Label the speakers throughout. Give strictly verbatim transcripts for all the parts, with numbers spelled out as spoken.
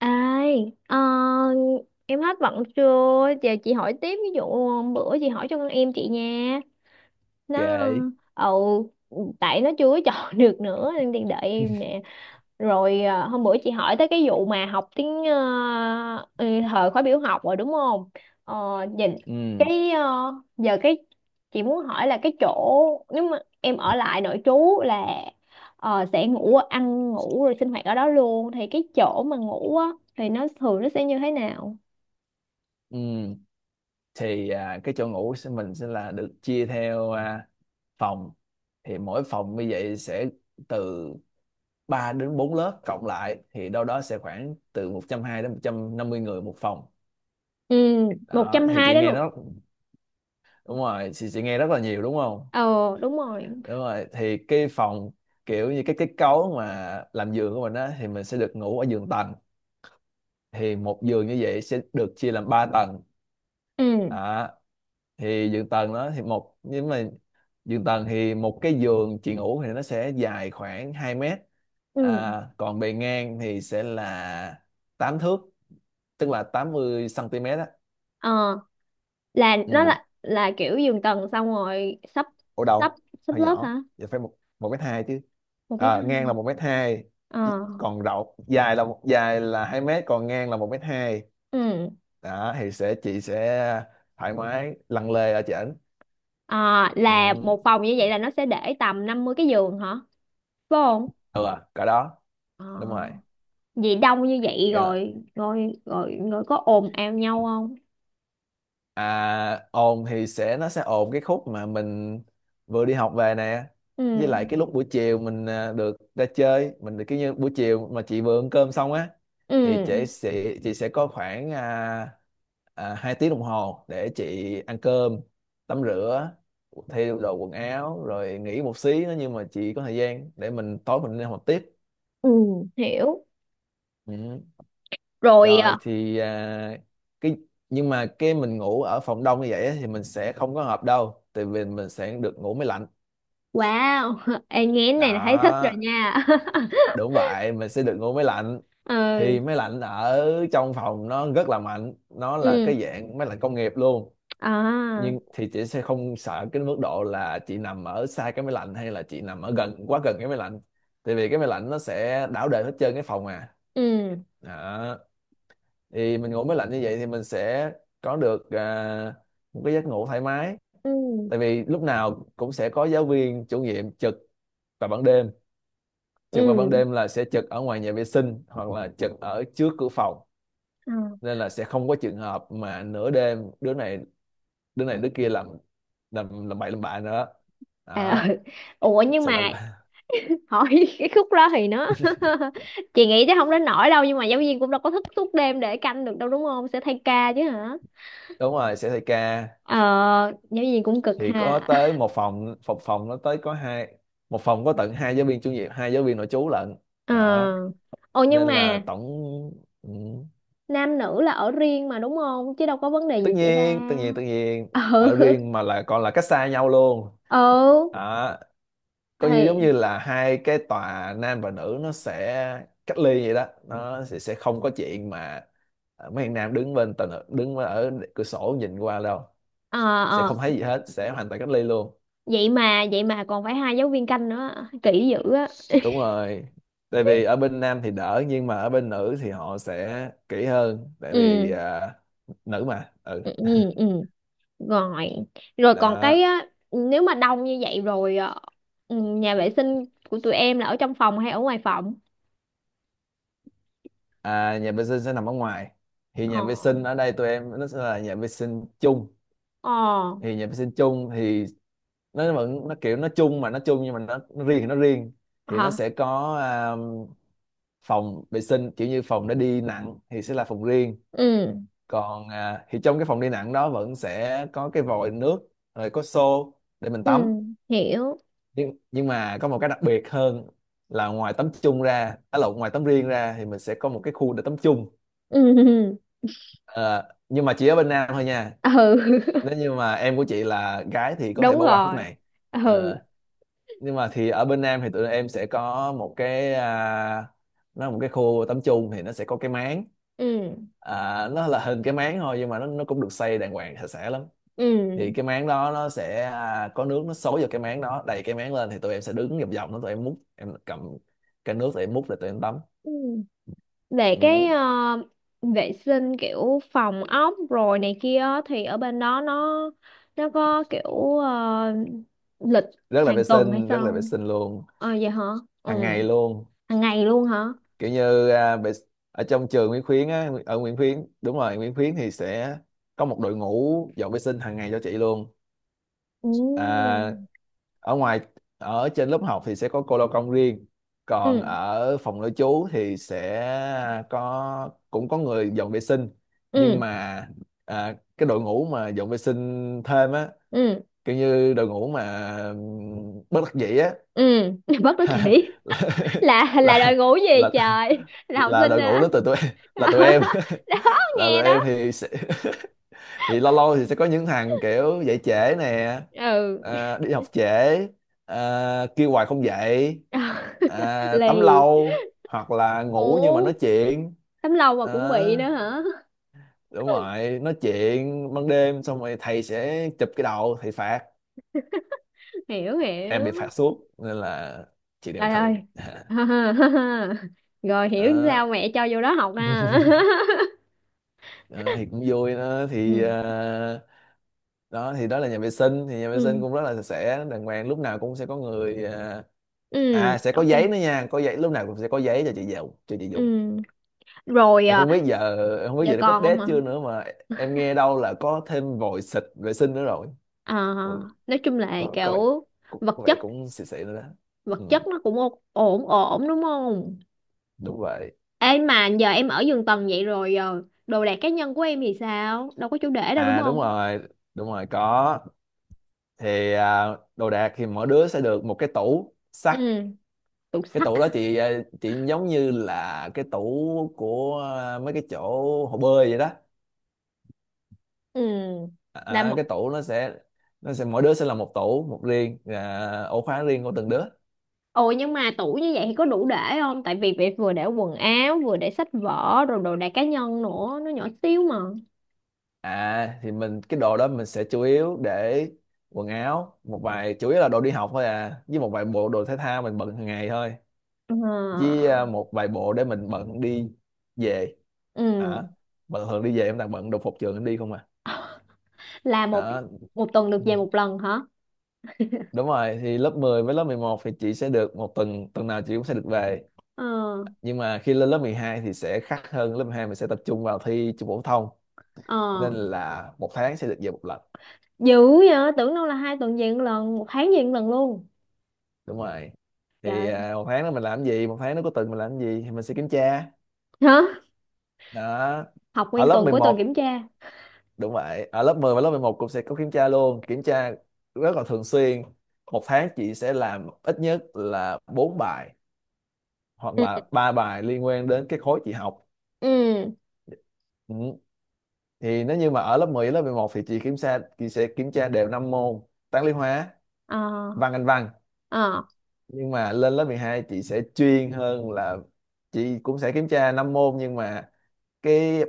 Speaker 1: Ai, ờ, em hết bận chưa? Giờ chị hỏi tiếp, ví dụ ờ, bữa chị hỏi cho con em chị nha. Nó
Speaker 2: Kệ.
Speaker 1: ờ, ừ, tại nó chưa có chọn được nữa nên đi đợi em nè. Rồi à, hôm bữa chị hỏi tới cái vụ mà học tiếng ờ, ừ, thời khóa biểu học rồi đúng không? Ờ, nhìn
Speaker 2: Ừ,
Speaker 1: cái ờ, giờ cái chị muốn hỏi là cái chỗ nếu mà em ở lại nội trú là ờ, sẽ ngủ, ăn ngủ rồi sinh hoạt ở đó luôn thì cái chỗ mà ngủ á thì nó thường nó sẽ như thế nào?
Speaker 2: ừ, thì à, cái chỗ ngủ sẽ- mình sẽ là được chia theo à, phòng. Thì mỗi phòng như vậy sẽ từ ba đến bốn lớp cộng lại, thì đâu đó sẽ khoảng từ một trăm hai mươi đến một trăm năm mươi người một phòng.
Speaker 1: Ừ. một
Speaker 2: Đó
Speaker 1: trăm
Speaker 2: thì
Speaker 1: hai
Speaker 2: chị
Speaker 1: đến
Speaker 2: nghe
Speaker 1: một.
Speaker 2: nó đúng rồi chị, chị nghe rất là nhiều đúng không?
Speaker 1: Ờ, đúng rồi.
Speaker 2: Đúng rồi, thì cái phòng kiểu như cái kết cấu mà làm giường của mình á thì mình sẽ được ngủ ở giường tầng. Thì một giường như vậy sẽ được chia làm ba tầng.
Speaker 1: Ừ.
Speaker 2: Đó, thì giường tầng đó thì một nhưng mà giường tầng thì một cái giường chị ngủ thì nó sẽ dài khoảng hai mét.
Speaker 1: Ừ.
Speaker 2: À, còn bề ngang thì sẽ là tám thước, tức là tám mươi xăng ti mét á.
Speaker 1: Ờ, là nó
Speaker 2: Ừ,
Speaker 1: là là kiểu giường tầng, xong rồi sắp
Speaker 2: ở
Speaker 1: sắp
Speaker 2: đầu
Speaker 1: sắp
Speaker 2: hơi
Speaker 1: lớp
Speaker 2: nhỏ,
Speaker 1: hả?
Speaker 2: giờ phải một một mét hai chứ.
Speaker 1: Một mét
Speaker 2: À, ngang là
Speaker 1: hai.
Speaker 2: một mét hai. Ý-
Speaker 1: Ờ.
Speaker 2: còn rộng dài là dài là hai mét, còn ngang là một mét hai.
Speaker 1: Ừ.
Speaker 2: Đó thì sẽ chị sẽ thoải mái lăn lê ở trên.
Speaker 1: Ờ, là
Speaker 2: Ừ.
Speaker 1: một phòng như vậy là nó sẽ để tầm năm mươi cái giường hả, phải không?
Speaker 2: Ừ à, cỡ đó.
Speaker 1: Ờ.
Speaker 2: Đúng rồi.
Speaker 1: Vì đông như vậy
Speaker 2: Dạ,
Speaker 1: rồi rồi rồi rồi có ồn ào nhau không?
Speaker 2: à, ồn thì sẽ nó sẽ ồn cái khúc mà mình vừa đi học về nè,
Speaker 1: Ừ.
Speaker 2: với lại cái lúc buổi chiều mình à, được ra chơi, mình được kiểu như buổi chiều mà chị vừa ăn cơm xong á thì
Speaker 1: Ừ.
Speaker 2: chị sẽ chị sẽ có khoảng à, à, hai tiếng đồng hồ để chị ăn cơm, tắm rửa, thay đồ quần áo rồi nghỉ một xí nữa, nhưng mà chị có thời gian để mình tối mình đi học tiếp.
Speaker 1: Ừ, hiểu.
Speaker 2: Ừ.
Speaker 1: Rồi
Speaker 2: Rồi
Speaker 1: à.
Speaker 2: thì à, cái nhưng mà cái mình ngủ ở phòng đông như vậy á, thì mình sẽ không có hợp đâu, tại vì mình sẽ được ngủ máy lạnh.
Speaker 1: Wow, em nghe cái này là thấy thích rồi
Speaker 2: Đó,
Speaker 1: nha.
Speaker 2: đúng vậy, mình sẽ được ngủ máy lạnh. Thì
Speaker 1: Ừ.
Speaker 2: máy lạnh ở trong phòng nó rất là mạnh, nó là
Speaker 1: Ừ.
Speaker 2: cái dạng máy lạnh công nghiệp luôn.
Speaker 1: À.
Speaker 2: Nhưng thì chị sẽ không sợ cái mức độ là chị nằm ở xa cái máy lạnh, hay là chị nằm ở gần quá gần cái máy lạnh, tại vì cái máy lạnh nó sẽ đảo đời hết trơn cái phòng à
Speaker 1: Ừ.
Speaker 2: đó, thì mình ngủ máy lạnh như vậy thì mình sẽ có được à, một cái giấc ngủ thoải mái,
Speaker 1: Ừ.
Speaker 2: tại vì lúc nào cũng sẽ có giáo viên chủ nhiệm trực vào ban đêm. Trực vào ban
Speaker 1: Ừ.
Speaker 2: đêm là sẽ trực ở ngoài nhà vệ sinh hoặc là trực ở trước cửa phòng,
Speaker 1: Ừ. Ờ.
Speaker 2: nên là sẽ không có trường hợp mà nửa đêm đứa này đứa này đứa kia làm làm làm bậy làm bạ nữa. Đó,
Speaker 1: À, ừ. Ủa, nhưng
Speaker 2: sẽ làm.
Speaker 1: mà hỏi cái khúc đó thì nó, chị nghĩ chắc không đến nỗi đâu, nhưng mà giáo viên cũng đâu có thức suốt đêm để canh được đâu, đúng không? Sẽ thay ca chứ hả?
Speaker 2: Đúng rồi, sẽ thay ca.
Speaker 1: Ờ, giáo viên cũng cực
Speaker 2: Thì có
Speaker 1: ha.
Speaker 2: tới một phòng, phòng phòng nó tới có hai, một phòng có tận hai giáo viên chủ nhiệm, hai giáo viên nội trú lận.
Speaker 1: Ờ.
Speaker 2: Đó,
Speaker 1: Ồ, nhưng
Speaker 2: nên là
Speaker 1: mà
Speaker 2: tổng, ừ,
Speaker 1: nam nữ là ở riêng mà, đúng không? Chứ đâu có vấn đề
Speaker 2: tất
Speaker 1: gì xảy ra.
Speaker 2: nhiên, tất nhiên, tất nhiên,
Speaker 1: Ừ.
Speaker 2: ở riêng mà là còn là cách xa nhau luôn.
Speaker 1: Ừ.
Speaker 2: Đó, coi như giống
Speaker 1: Thì.
Speaker 2: như là hai cái tòa nam và nữ nó sẽ cách ly vậy đó, nó sẽ, sẽ không có chuyện mà ờ, mấy thằng nam đứng bên tòa nữ đứng ở cửa sổ nhìn qua đâu,
Speaker 1: Ờ.
Speaker 2: sẽ
Speaker 1: Ờ.
Speaker 2: không thấy gì hết, sẽ hoàn toàn cách ly luôn.
Speaker 1: Vậy mà vậy mà còn phải hai giáo viên canh nữa, kỹ dữ á.
Speaker 2: Đúng rồi. Tại vì ở bên nam thì đỡ, nhưng mà ở bên nữ thì họ sẽ kỹ hơn, tại vì
Speaker 1: Ừ,
Speaker 2: à, nữ mà, ừ.
Speaker 1: ừ, ừ, ừ. Rồi. Rồi còn cái
Speaker 2: Đó.
Speaker 1: á, nếu mà đông như vậy rồi ờ, ừ, nhà vệ sinh của tụi em là ở trong phòng hay ở ngoài phòng?
Speaker 2: À, nhà vệ sinh sẽ nằm ở ngoài. Thì
Speaker 1: Ờ.
Speaker 2: nhà vệ sinh ở đây tụi em nó sẽ là nhà vệ sinh chung.
Speaker 1: Ờ.
Speaker 2: Thì nhà vệ sinh chung thì nó vẫn, nó kiểu nó chung mà nó chung, nhưng mà nó, nó riêng thì nó riêng. Thì nó
Speaker 1: Hả?
Speaker 2: sẽ có à, phòng vệ sinh kiểu như phòng để đi nặng thì sẽ là phòng riêng.
Speaker 1: Ừ.
Speaker 2: Còn à, thì trong cái phòng đi nặng đó vẫn sẽ có cái vòi nước, rồi có xô để mình
Speaker 1: Ừ,
Speaker 2: tắm.
Speaker 1: hiểu.
Speaker 2: Nhưng nhưng mà có một cái đặc biệt hơn là ngoài tắm chung ra, à lộn, ngoài tắm riêng ra thì mình sẽ có một cái khu để tắm chung.
Speaker 1: Ừ, ừ.
Speaker 2: Ờ, nhưng mà chỉ ở bên Nam thôi nha,
Speaker 1: Ừ.
Speaker 2: nếu như mà em của chị là gái thì có thể
Speaker 1: Đúng
Speaker 2: bỏ qua khúc
Speaker 1: rồi.
Speaker 2: này.
Speaker 1: Ừ.
Speaker 2: ờ, nhưng mà thì ở bên nam thì tụi em sẽ có một cái, à, nó là một cái khu tắm chung. Thì nó sẽ có cái máng,
Speaker 1: Ừ.
Speaker 2: à, nó là hình cái máng thôi nhưng mà nó nó cũng được xây đàng hoàng sạch sẽ lắm. Thì
Speaker 1: Ừ.
Speaker 2: cái máng đó nó sẽ à, có nước nó xối vào cái máng đó đầy cái máng lên, thì tụi em sẽ đứng vòng vòng nó, tụi em múc, em cầm cái nước tụi em múc để tụi em tắm.
Speaker 1: Ừ. Về cái
Speaker 2: Ừ.
Speaker 1: ờ, vệ sinh kiểu phòng ốc rồi này kia á, thì ở bên đó nó nó có kiểu ờ, lịch
Speaker 2: Rất là
Speaker 1: hàng
Speaker 2: vệ
Speaker 1: tuần hay
Speaker 2: sinh, rất
Speaker 1: sao
Speaker 2: là vệ
Speaker 1: không?
Speaker 2: sinh luôn.
Speaker 1: Ờ, vậy hả?
Speaker 2: Hàng
Speaker 1: Ừ.
Speaker 2: ngày luôn.
Speaker 1: Hàng ngày luôn hả?
Speaker 2: Kiểu như à, bị- ở trong trường Nguyễn Khuyến á, ở Nguyễn Khuyến, đúng rồi, Nguyễn Khuyến thì sẽ có một đội ngũ dọn vệ sinh hàng ngày cho chị luôn.
Speaker 1: Ừ.
Speaker 2: à, Ở ngoài, ở trên lớp học thì sẽ có cô lao công riêng, còn
Speaker 1: Ừ.
Speaker 2: ở phòng nội trú thì sẽ có, cũng có người dọn vệ sinh. Nhưng
Speaker 1: Ừ.
Speaker 2: mà à, cái đội ngũ mà dọn vệ sinh thêm á,
Speaker 1: Ừ.
Speaker 2: kiểu như đội ngũ mà ừm, bất đắc dĩ á.
Speaker 1: Ừ. Bất đắc kỹ. là là đòi
Speaker 2: là
Speaker 1: ngủ gì
Speaker 2: là
Speaker 1: trời, là
Speaker 2: là
Speaker 1: học
Speaker 2: là
Speaker 1: sinh
Speaker 2: đội
Speaker 1: hả?
Speaker 2: ngũ đến từ tụi em. Là tụi em.
Speaker 1: Đó,
Speaker 2: Là
Speaker 1: nghe
Speaker 2: tụi
Speaker 1: đó.
Speaker 2: em thì sẽ. Thì lâu lâu thì sẽ có những thằng kiểu dậy trễ nè,
Speaker 1: Ừ.
Speaker 2: à, đi học trễ, à, kêu hoài không dậy, à, tắm
Speaker 1: Lì.
Speaker 2: lâu, hoặc là ngủ nhưng mà
Speaker 1: Ủa,
Speaker 2: nói chuyện.
Speaker 1: tấm lòng mà cũng
Speaker 2: Đó,
Speaker 1: bị nữa hả?
Speaker 2: đúng rồi, nói chuyện ban đêm xong rồi thầy sẽ chụp cái đầu thầy phạt.
Speaker 1: Hiểu,
Speaker 2: Em bị
Speaker 1: hiểu.
Speaker 2: phạt suốt, nên là chuyện này bình
Speaker 1: Trời ơi.
Speaker 2: thường.
Speaker 1: Rồi hiểu
Speaker 2: Đó,
Speaker 1: sao mẹ cho vô đó học ha.
Speaker 2: đó, thì cũng vui. Đó thì
Speaker 1: Ừ.
Speaker 2: à, đó thì đó là nhà vệ sinh. Thì nhà vệ sinh
Speaker 1: Ừ.
Speaker 2: cũng rất là sạch sẽ đàng hoàng, lúc nào cũng sẽ có người, à,
Speaker 1: Ừ.
Speaker 2: à sẽ có
Speaker 1: Ok.
Speaker 2: giấy nữa nha, có giấy, lúc nào cũng sẽ có giấy cho chị dùng cho chị dùng
Speaker 1: Ừ. Rồi
Speaker 2: em
Speaker 1: à,
Speaker 2: không biết giờ, em không biết
Speaker 1: giờ
Speaker 2: giờ nó có
Speaker 1: còn không
Speaker 2: update
Speaker 1: ạ?
Speaker 2: chưa nữa, mà em nghe đâu là có thêm vòi xịt vệ sinh nữa rồi.
Speaker 1: Ờ,
Speaker 2: Ừ.
Speaker 1: nói chung là
Speaker 2: Có có vẻ,
Speaker 1: kiểu
Speaker 2: có,
Speaker 1: vật
Speaker 2: có vẻ
Speaker 1: chất,
Speaker 2: cũng xịn xịn nữa đó. Ừ,
Speaker 1: vật chất nó cũng ô- ổn ổn, đúng không?
Speaker 2: đúng vậy.
Speaker 1: Ê, mà giờ em ở giường tầng vậy rồi ờ, đồ đạc cá nhân của em thì sao? Đâu có chỗ để đâu, đúng
Speaker 2: À, đúng
Speaker 1: không?
Speaker 2: rồi, đúng rồi có. Thì à, đồ đạc thì mỗi đứa sẽ được một cái tủ sắt.
Speaker 1: Ừ. Tủ
Speaker 2: Cái
Speaker 1: sắt.
Speaker 2: tủ đó chị, ờ, chị giống như là cái tủ của, ờ, mấy cái chỗ hồ bơi vậy đó.
Speaker 1: Ừ, là
Speaker 2: Ờ,
Speaker 1: một.
Speaker 2: cái tủ nó sẽ, nó sẽ mỗi đứa sẽ là một tủ một riêng, ờ, ổ khóa riêng của từng đứa.
Speaker 1: Ồ, nhưng mà tủ như vậy thì có đủ để không? Tại vì việc vừa để quần áo, vừa để sách vở rồi đồ đạc cá nhân nữa, nó nhỏ xíu mà.
Speaker 2: À thì mình, cái đồ đó mình sẽ chủ yếu để quần áo, một vài, chủ yếu là đồ đi học thôi, à, với một vài bộ đồ thể thao mình bận hàng ngày thôi,
Speaker 1: Ờ.
Speaker 2: với ờ, một vài bộ để mình bận đi về. À,
Speaker 1: Ừ,
Speaker 2: bận thường đi về em toàn bận đồ phục trường em đi không à.
Speaker 1: là một.
Speaker 2: Đó.
Speaker 1: Một tuần được về một lần hả?
Speaker 2: Đúng rồi, thì lớp mười với lớp mười một thì chị sẽ được một tuần, tuần nào chị cũng sẽ được về.
Speaker 1: Ờ.
Speaker 2: Nhưng mà khi lên lớp mười hai thì sẽ khác hơn, lớp mười hai mình sẽ tập trung vào thi trung phổ thông,
Speaker 1: Ờ,
Speaker 2: nên là một tháng sẽ được về một lần.
Speaker 1: dữ vậy, tưởng đâu là hai tuần về một lần, một tháng về một lần luôn.
Speaker 2: Đúng rồi, thì
Speaker 1: Trời,
Speaker 2: à, một tháng đó mình làm gì, một tháng nó có tuần mình làm gì thì mình sẽ kiểm tra.
Speaker 1: hả?
Speaker 2: Đó,
Speaker 1: Học
Speaker 2: ở
Speaker 1: nguyên
Speaker 2: lớp
Speaker 1: tuần,
Speaker 2: mười
Speaker 1: cuối tuần
Speaker 2: một,
Speaker 1: kiểm tra.
Speaker 2: đúng vậy. Ở lớp mười và lớp mười một cũng sẽ có kiểm tra luôn, kiểm tra rất là thường xuyên. Một tháng chị sẽ làm ít nhất là bốn bài, hoặc
Speaker 1: Ừ.
Speaker 2: là ba bài liên quan đến cái khối chị học.
Speaker 1: Ừ.
Speaker 2: Ừ. Thì nếu như mà ở lớp mười lớp mười một thì chị kiểm tra chị sẽ kiểm tra đều năm môn: toán lý hóa,
Speaker 1: Ờ.
Speaker 2: văn, anh văn.
Speaker 1: Ờ.
Speaker 2: Nhưng mà lên lớp mười hai chị sẽ chuyên hơn là chị cũng sẽ kiểm tra năm môn, nhưng mà cái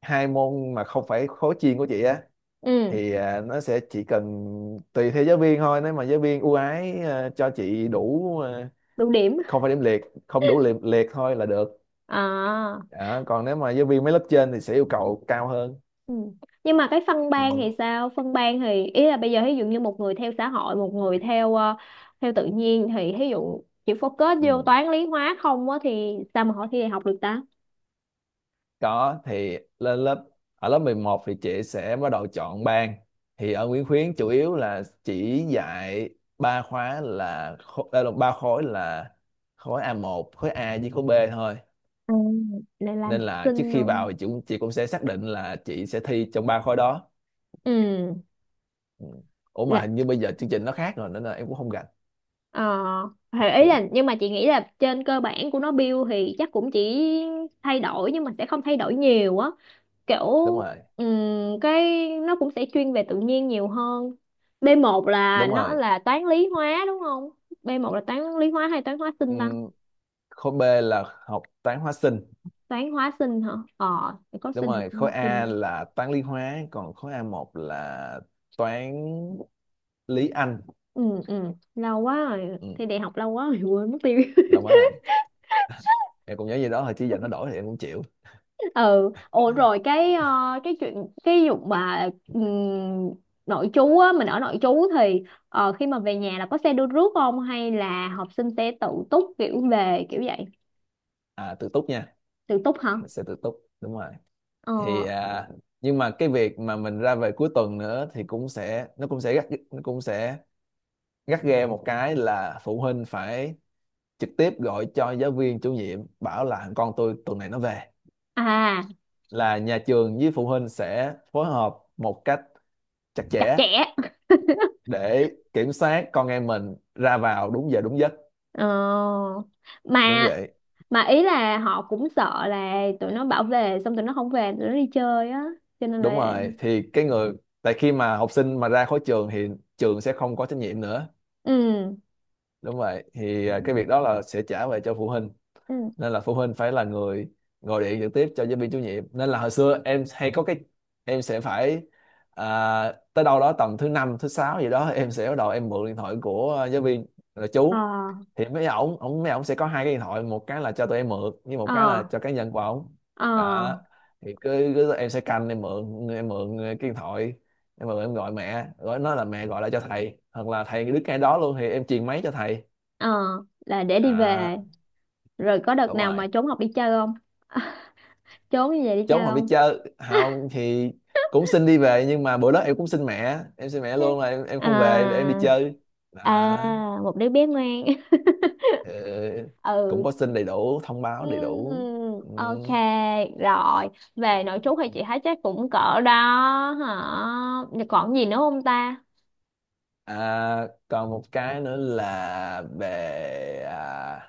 Speaker 2: hai môn mà không phải khối chuyên của chị á,
Speaker 1: Ừ.
Speaker 2: thì à, nó sẽ chỉ cần tùy theo giáo viên thôi, nếu mà giáo viên ưu ái à, cho chị đủ, à,
Speaker 1: Đủ điểm.
Speaker 2: không phải điểm liệt, không đủ liệt liệt thôi là được.
Speaker 1: À.
Speaker 2: Đó, còn nếu mà giáo viên mấy lớp trên thì sẽ yêu cầu cao hơn.
Speaker 1: Ừ. Nhưng mà cái phân ban thì
Speaker 2: Ừ.
Speaker 1: sao? Phân ban thì ý là bây giờ ví dụ như một người theo xã hội, một người theo ờ, theo tự nhiên thì ví dụ chỉ focus vô
Speaker 2: Ừ.
Speaker 1: toán lý hóa không á thì sao mà họ thi đại học được ta?
Speaker 2: Có. Thì lên lớp ở lớp mười một thì chị sẽ bắt đầu chọn ban. Thì ở Nguyễn Khuyến chủ yếu là chỉ dạy ba khóa là khô- ờ, ba khối là khối a một, khối A, với khối bê thôi.
Speaker 1: Ừ, lại làm
Speaker 2: Nên là trước
Speaker 1: sinh
Speaker 2: khi
Speaker 1: luôn.
Speaker 2: vào thì chị cũng, chị cũng sẽ xác định là chị sẽ thi trong ba khối đó.
Speaker 1: Ừ.
Speaker 2: Ừ. Ủa mà hình như bây giờ chương trình nó khác rồi nên là em cũng không rành.
Speaker 1: Ờ, thì ý
Speaker 2: Ừ,
Speaker 1: là nhưng mà chị nghĩ là trên cơ bản của nó build thì chắc cũng chỉ thay đổi nhưng mà sẽ không thay đổi nhiều á, kiểu
Speaker 2: đúng rồi,
Speaker 1: ừm, cái nó cũng sẽ chuyên về tự nhiên nhiều hơn. B một là
Speaker 2: đúng
Speaker 1: nó
Speaker 2: rồi.
Speaker 1: là toán lý hóa, đúng không? B một là toán lý hóa hay toán hóa sinh ta?
Speaker 2: Ừm, khối B là học toán hóa sinh,
Speaker 1: Toán hóa sinh hả? Ờ, có
Speaker 2: đúng
Speaker 1: sinh thì
Speaker 2: rồi.
Speaker 1: cũng
Speaker 2: Khối
Speaker 1: lọt thêm.
Speaker 2: A là toán lý hóa, còn khối a một là toán lý Anh.
Speaker 1: Ừ. Ừ. Lâu quá rồi,
Speaker 2: ừ,
Speaker 1: thi đại học lâu quá rồi, quên mất tiêu.
Speaker 2: Lâu quá rồi, em cũng nhớ gì đó thôi chứ giờ nó đổi thì em cũng chịu.
Speaker 1: Ừ. Ủa rồi cái ờ, cái chuyện cái vụ mà ừm, nội trú á, mình ở nội trú thì ờ, khi mà về nhà là có xe đưa rước không hay là học sinh sẽ tự túc, kiểu về kiểu vậy?
Speaker 2: À, tự túc nha,
Speaker 1: Tự túc hả?
Speaker 2: mình sẽ tự túc, đúng rồi. thì
Speaker 1: Ờ.
Speaker 2: à, nhưng mà cái việc mà mình ra về cuối tuần nữa thì cũng sẽ, nó cũng sẽ gắt, nó cũng sẽ gắt ghe. Một cái là phụ huynh phải trực tiếp gọi cho giáo viên chủ nhiệm bảo là con tôi tuần này nó về,
Speaker 1: À.
Speaker 2: là nhà trường với phụ huynh sẽ phối hợp một cách chặt
Speaker 1: Chặt
Speaker 2: chẽ
Speaker 1: chẽ.
Speaker 2: để kiểm soát con em mình ra vào đúng giờ đúng giấc.
Speaker 1: Ờ,
Speaker 2: Đúng
Speaker 1: mà
Speaker 2: vậy,
Speaker 1: mà ý là họ cũng sợ là tụi nó bảo về xong tụi nó không về, tụi nó đi chơi á, cho nên
Speaker 2: đúng
Speaker 1: là.
Speaker 2: rồi. Thì cái người, tại khi mà học sinh mà ra khỏi trường thì trường sẽ không có trách nhiệm nữa.
Speaker 1: Ừ.
Speaker 2: Đúng vậy. Thì à, cái việc đó là sẽ trả về cho phụ huynh,
Speaker 1: Ừ.
Speaker 2: nên là phụ huynh phải là người gọi điện trực tiếp cho giáo viên chủ nhiệm. Nên là hồi xưa em hay có cái em sẽ phải, à, tới đâu đó tầm thứ năm thứ sáu gì đó, em sẽ bắt đầu em mượn điện thoại của ờ, giáo viên là
Speaker 1: Ờ.
Speaker 2: chú. Thì mấy ổng ổng mấy ổng sẽ có hai cái điện thoại, một cái là cho tụi em mượn với một cái là
Speaker 1: Ờ.
Speaker 2: cho cá nhân của ổng.
Speaker 1: Ờ.
Speaker 2: Đó, thì cứ, cứ em sẽ canh em mượn, em mượn cái điện thoại, em mượn em gọi mẹ, gọi nó là mẹ gọi lại cho thầy, hoặc là thầy đứng ngay đó luôn thì em truyền máy cho thầy.
Speaker 1: Ờ, là để đi
Speaker 2: Đó,
Speaker 1: về. Rồi có đợt
Speaker 2: đúng
Speaker 1: nào
Speaker 2: rồi.
Speaker 1: mà trốn học đi chơi không? Trốn như vậy đi
Speaker 2: Trốn
Speaker 1: chơi
Speaker 2: không đi
Speaker 1: không?
Speaker 2: chơi, không thì cũng xin đi về, nhưng mà bữa đó em cũng xin mẹ, em xin mẹ luôn là em em không về để em đi
Speaker 1: À.
Speaker 2: chơi.
Speaker 1: À,
Speaker 2: à,
Speaker 1: một đứa bé ngoan.
Speaker 2: ờ, Cũng
Speaker 1: Ừ.
Speaker 2: có xin đầy đủ, thông báo đầy đủ.
Speaker 1: Ừm,
Speaker 2: Ừ.
Speaker 1: ok, rồi. Về nội trú thì chị thấy chắc cũng cỡ đó hả? Còn gì nữa không ta?
Speaker 2: À, còn một cái nữa là về à,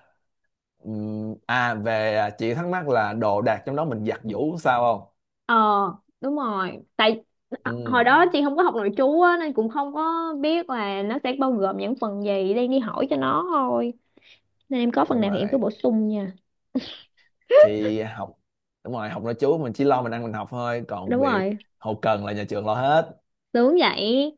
Speaker 2: ừm, à về à, chị thắc mắc là đồ đạc trong đó mình giặt giũ sao không.
Speaker 1: Ờ, đúng rồi. Tại
Speaker 2: Ừ,
Speaker 1: hồi đó chị không có học nội trú á, nên cũng không có biết là nó sẽ bao gồm những phần gì. Đang đi hỏi cho nó thôi. Nên em có phần
Speaker 2: đúng
Speaker 1: nào thì em cứ
Speaker 2: rồi.
Speaker 1: bổ sung nha.
Speaker 2: Thì học đúng rồi, học nội trú mình chỉ lo mình ăn mình học thôi, còn
Speaker 1: Đúng
Speaker 2: việc
Speaker 1: rồi,
Speaker 2: hậu cần là nhà trường lo hết.
Speaker 1: sướng vậy.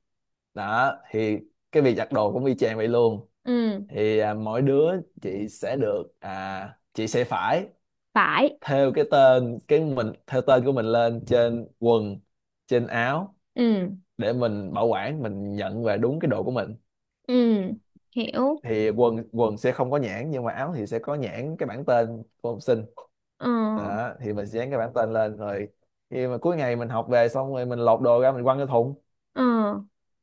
Speaker 2: Đó, thì cái việc giặt đồ cũng y chang vậy luôn.
Speaker 1: Ừ,
Speaker 2: Thì à, mỗi đứa chị sẽ được à, chị sẽ phải
Speaker 1: phải.
Speaker 2: thêu cái tên, cái mình thêu tên của mình lên trên quần trên áo
Speaker 1: Ừ.
Speaker 2: để mình bảo quản, mình nhận về đúng cái đồ của mình.
Speaker 1: Ừ, hiểu.
Speaker 2: Thì quần quần sẽ không có nhãn, nhưng mà áo thì sẽ có nhãn cái bảng tên của học sinh.
Speaker 1: Ờ.
Speaker 2: Đó, thì mình sẽ dán cái bảng tên lên, rồi khi mà cuối ngày mình học về xong rồi mình lột đồ ra mình quăng cái thùng.
Speaker 1: Ờ.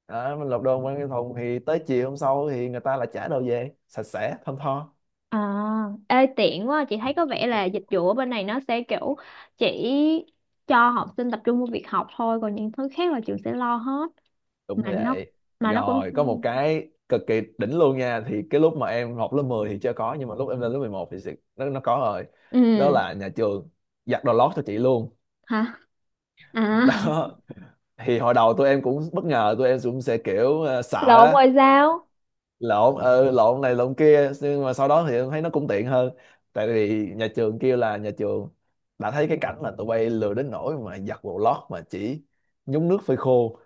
Speaker 2: Đó, mình lột đồ quăng cái thùng, thì tới chiều hôm sau thì người ta lại trả đồ về sạch sẽ thơm tho.
Speaker 1: À. Ê, tiện quá, chị thấy có vẻ là dịch vụ ở bên này nó sẽ kiểu chỉ cho học sinh tập trung vào việc học thôi, còn những thứ khác là trường sẽ lo hết.
Speaker 2: Đúng
Speaker 1: mà
Speaker 2: rồi
Speaker 1: nó
Speaker 2: vậy.
Speaker 1: mà nó cũng.
Speaker 2: Rồi có một cái cực kỳ đỉnh luôn nha, thì cái lúc mà em học lớp mười thì chưa có, nhưng mà lúc em lên lớp mười một thì sự- nó nó có rồi. Đó
Speaker 1: Ừ.
Speaker 2: là nhà trường giặt đồ lót cho chị luôn.
Speaker 1: Hả? À,
Speaker 2: Đó, thì hồi đầu tụi em cũng bất ngờ, tụi em cũng sẽ kiểu ờ, sợ
Speaker 1: lộn
Speaker 2: á,
Speaker 1: rồi sao?
Speaker 2: lộn. Ừ, lộn này lộn kia, nhưng mà sau đó thì em thấy nó cũng tiện hơn. Tại vì nhà trường kêu là nhà trường đã thấy cái cảnh là tụi bay lười đến nỗi mà giặt đồ lót mà chỉ nhúng nước phơi khô.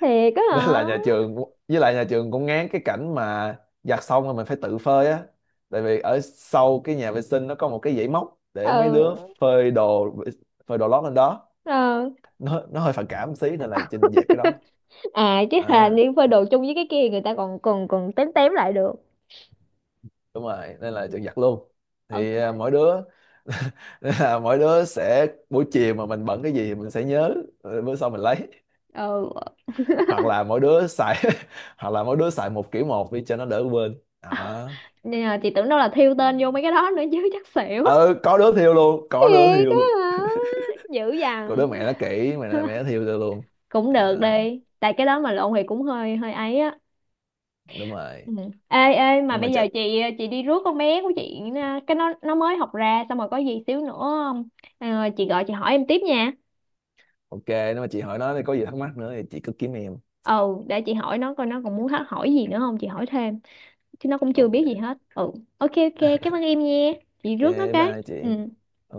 Speaker 1: Thiệt á
Speaker 2: Nên là
Speaker 1: hả?
Speaker 2: nhà trường, với lại nhà trường cũng ngán cái cảnh mà giặt xong rồi mình phải tự phơi á, tại vì ở sau cái nhà vệ sinh nó có một cái dãy móc để mấy đứa
Speaker 1: Ừ.
Speaker 2: phơi đồ, phơi đồ lót lên đó.
Speaker 1: Ừ.
Speaker 2: Nó nó hơi phản cảm một xí nên là Trinh dẹp cái đó.
Speaker 1: À, chứ là
Speaker 2: À,
Speaker 1: đi phơi đồ chung với cái kia, người ta còn còn còn tém tém lại được.
Speaker 2: đúng rồi, nên là Trinh giặt luôn.
Speaker 1: Ok.
Speaker 2: Thì à, mỗi đứa Nên là mỗi đứa sẽ buổi chiều mà mình bận cái gì thì mình sẽ nhớ, ờ, bữa sau mình lấy.
Speaker 1: Ừ.
Speaker 2: Hoặc là mỗi đứa xài Hoặc là mỗi đứa xài một kiểu một đi cho nó đỡ quên đó.
Speaker 1: Nên là chị tưởng đâu là thiêu tên vô mấy cái đó nữa chứ chắc xỉu.
Speaker 2: Ừ, có đứa thiêu luôn, có đứa
Speaker 1: Thiệt
Speaker 2: thiêu luôn
Speaker 1: á hả? Dữ
Speaker 2: cô
Speaker 1: dằn.
Speaker 2: đứa mẹ nó kỹ, mẹ nó, mẹ nó thiêu tôi luôn.
Speaker 1: Cũng được
Speaker 2: Đó,
Speaker 1: đi tại cái đó mà lộn thì cũng hơi hơi ấy á.
Speaker 2: đúng rồi.
Speaker 1: Ừ. Ê ê mà
Speaker 2: Nhưng mà
Speaker 1: bây giờ
Speaker 2: chật.
Speaker 1: chị chị đi rước con bé của chị nha. Cái nó nó mới học ra xong rồi có gì xíu nữa. Ờ, chị gọi chị hỏi em tiếp nha.
Speaker 2: Ok, nếu mà chị hỏi nó thì có gì thắc mắc nữa thì chị cứ kiếm em.
Speaker 1: Ừ, để chị hỏi nó coi nó còn muốn hát- hỏi gì nữa không, chị hỏi thêm, chứ nó cũng chưa biết gì
Speaker 2: Ok
Speaker 1: hết. Ừ. Ok. Ok, cảm ơn em nha, chị rước nó
Speaker 2: ok,
Speaker 1: cái.
Speaker 2: bye
Speaker 1: Ừ.
Speaker 2: chị.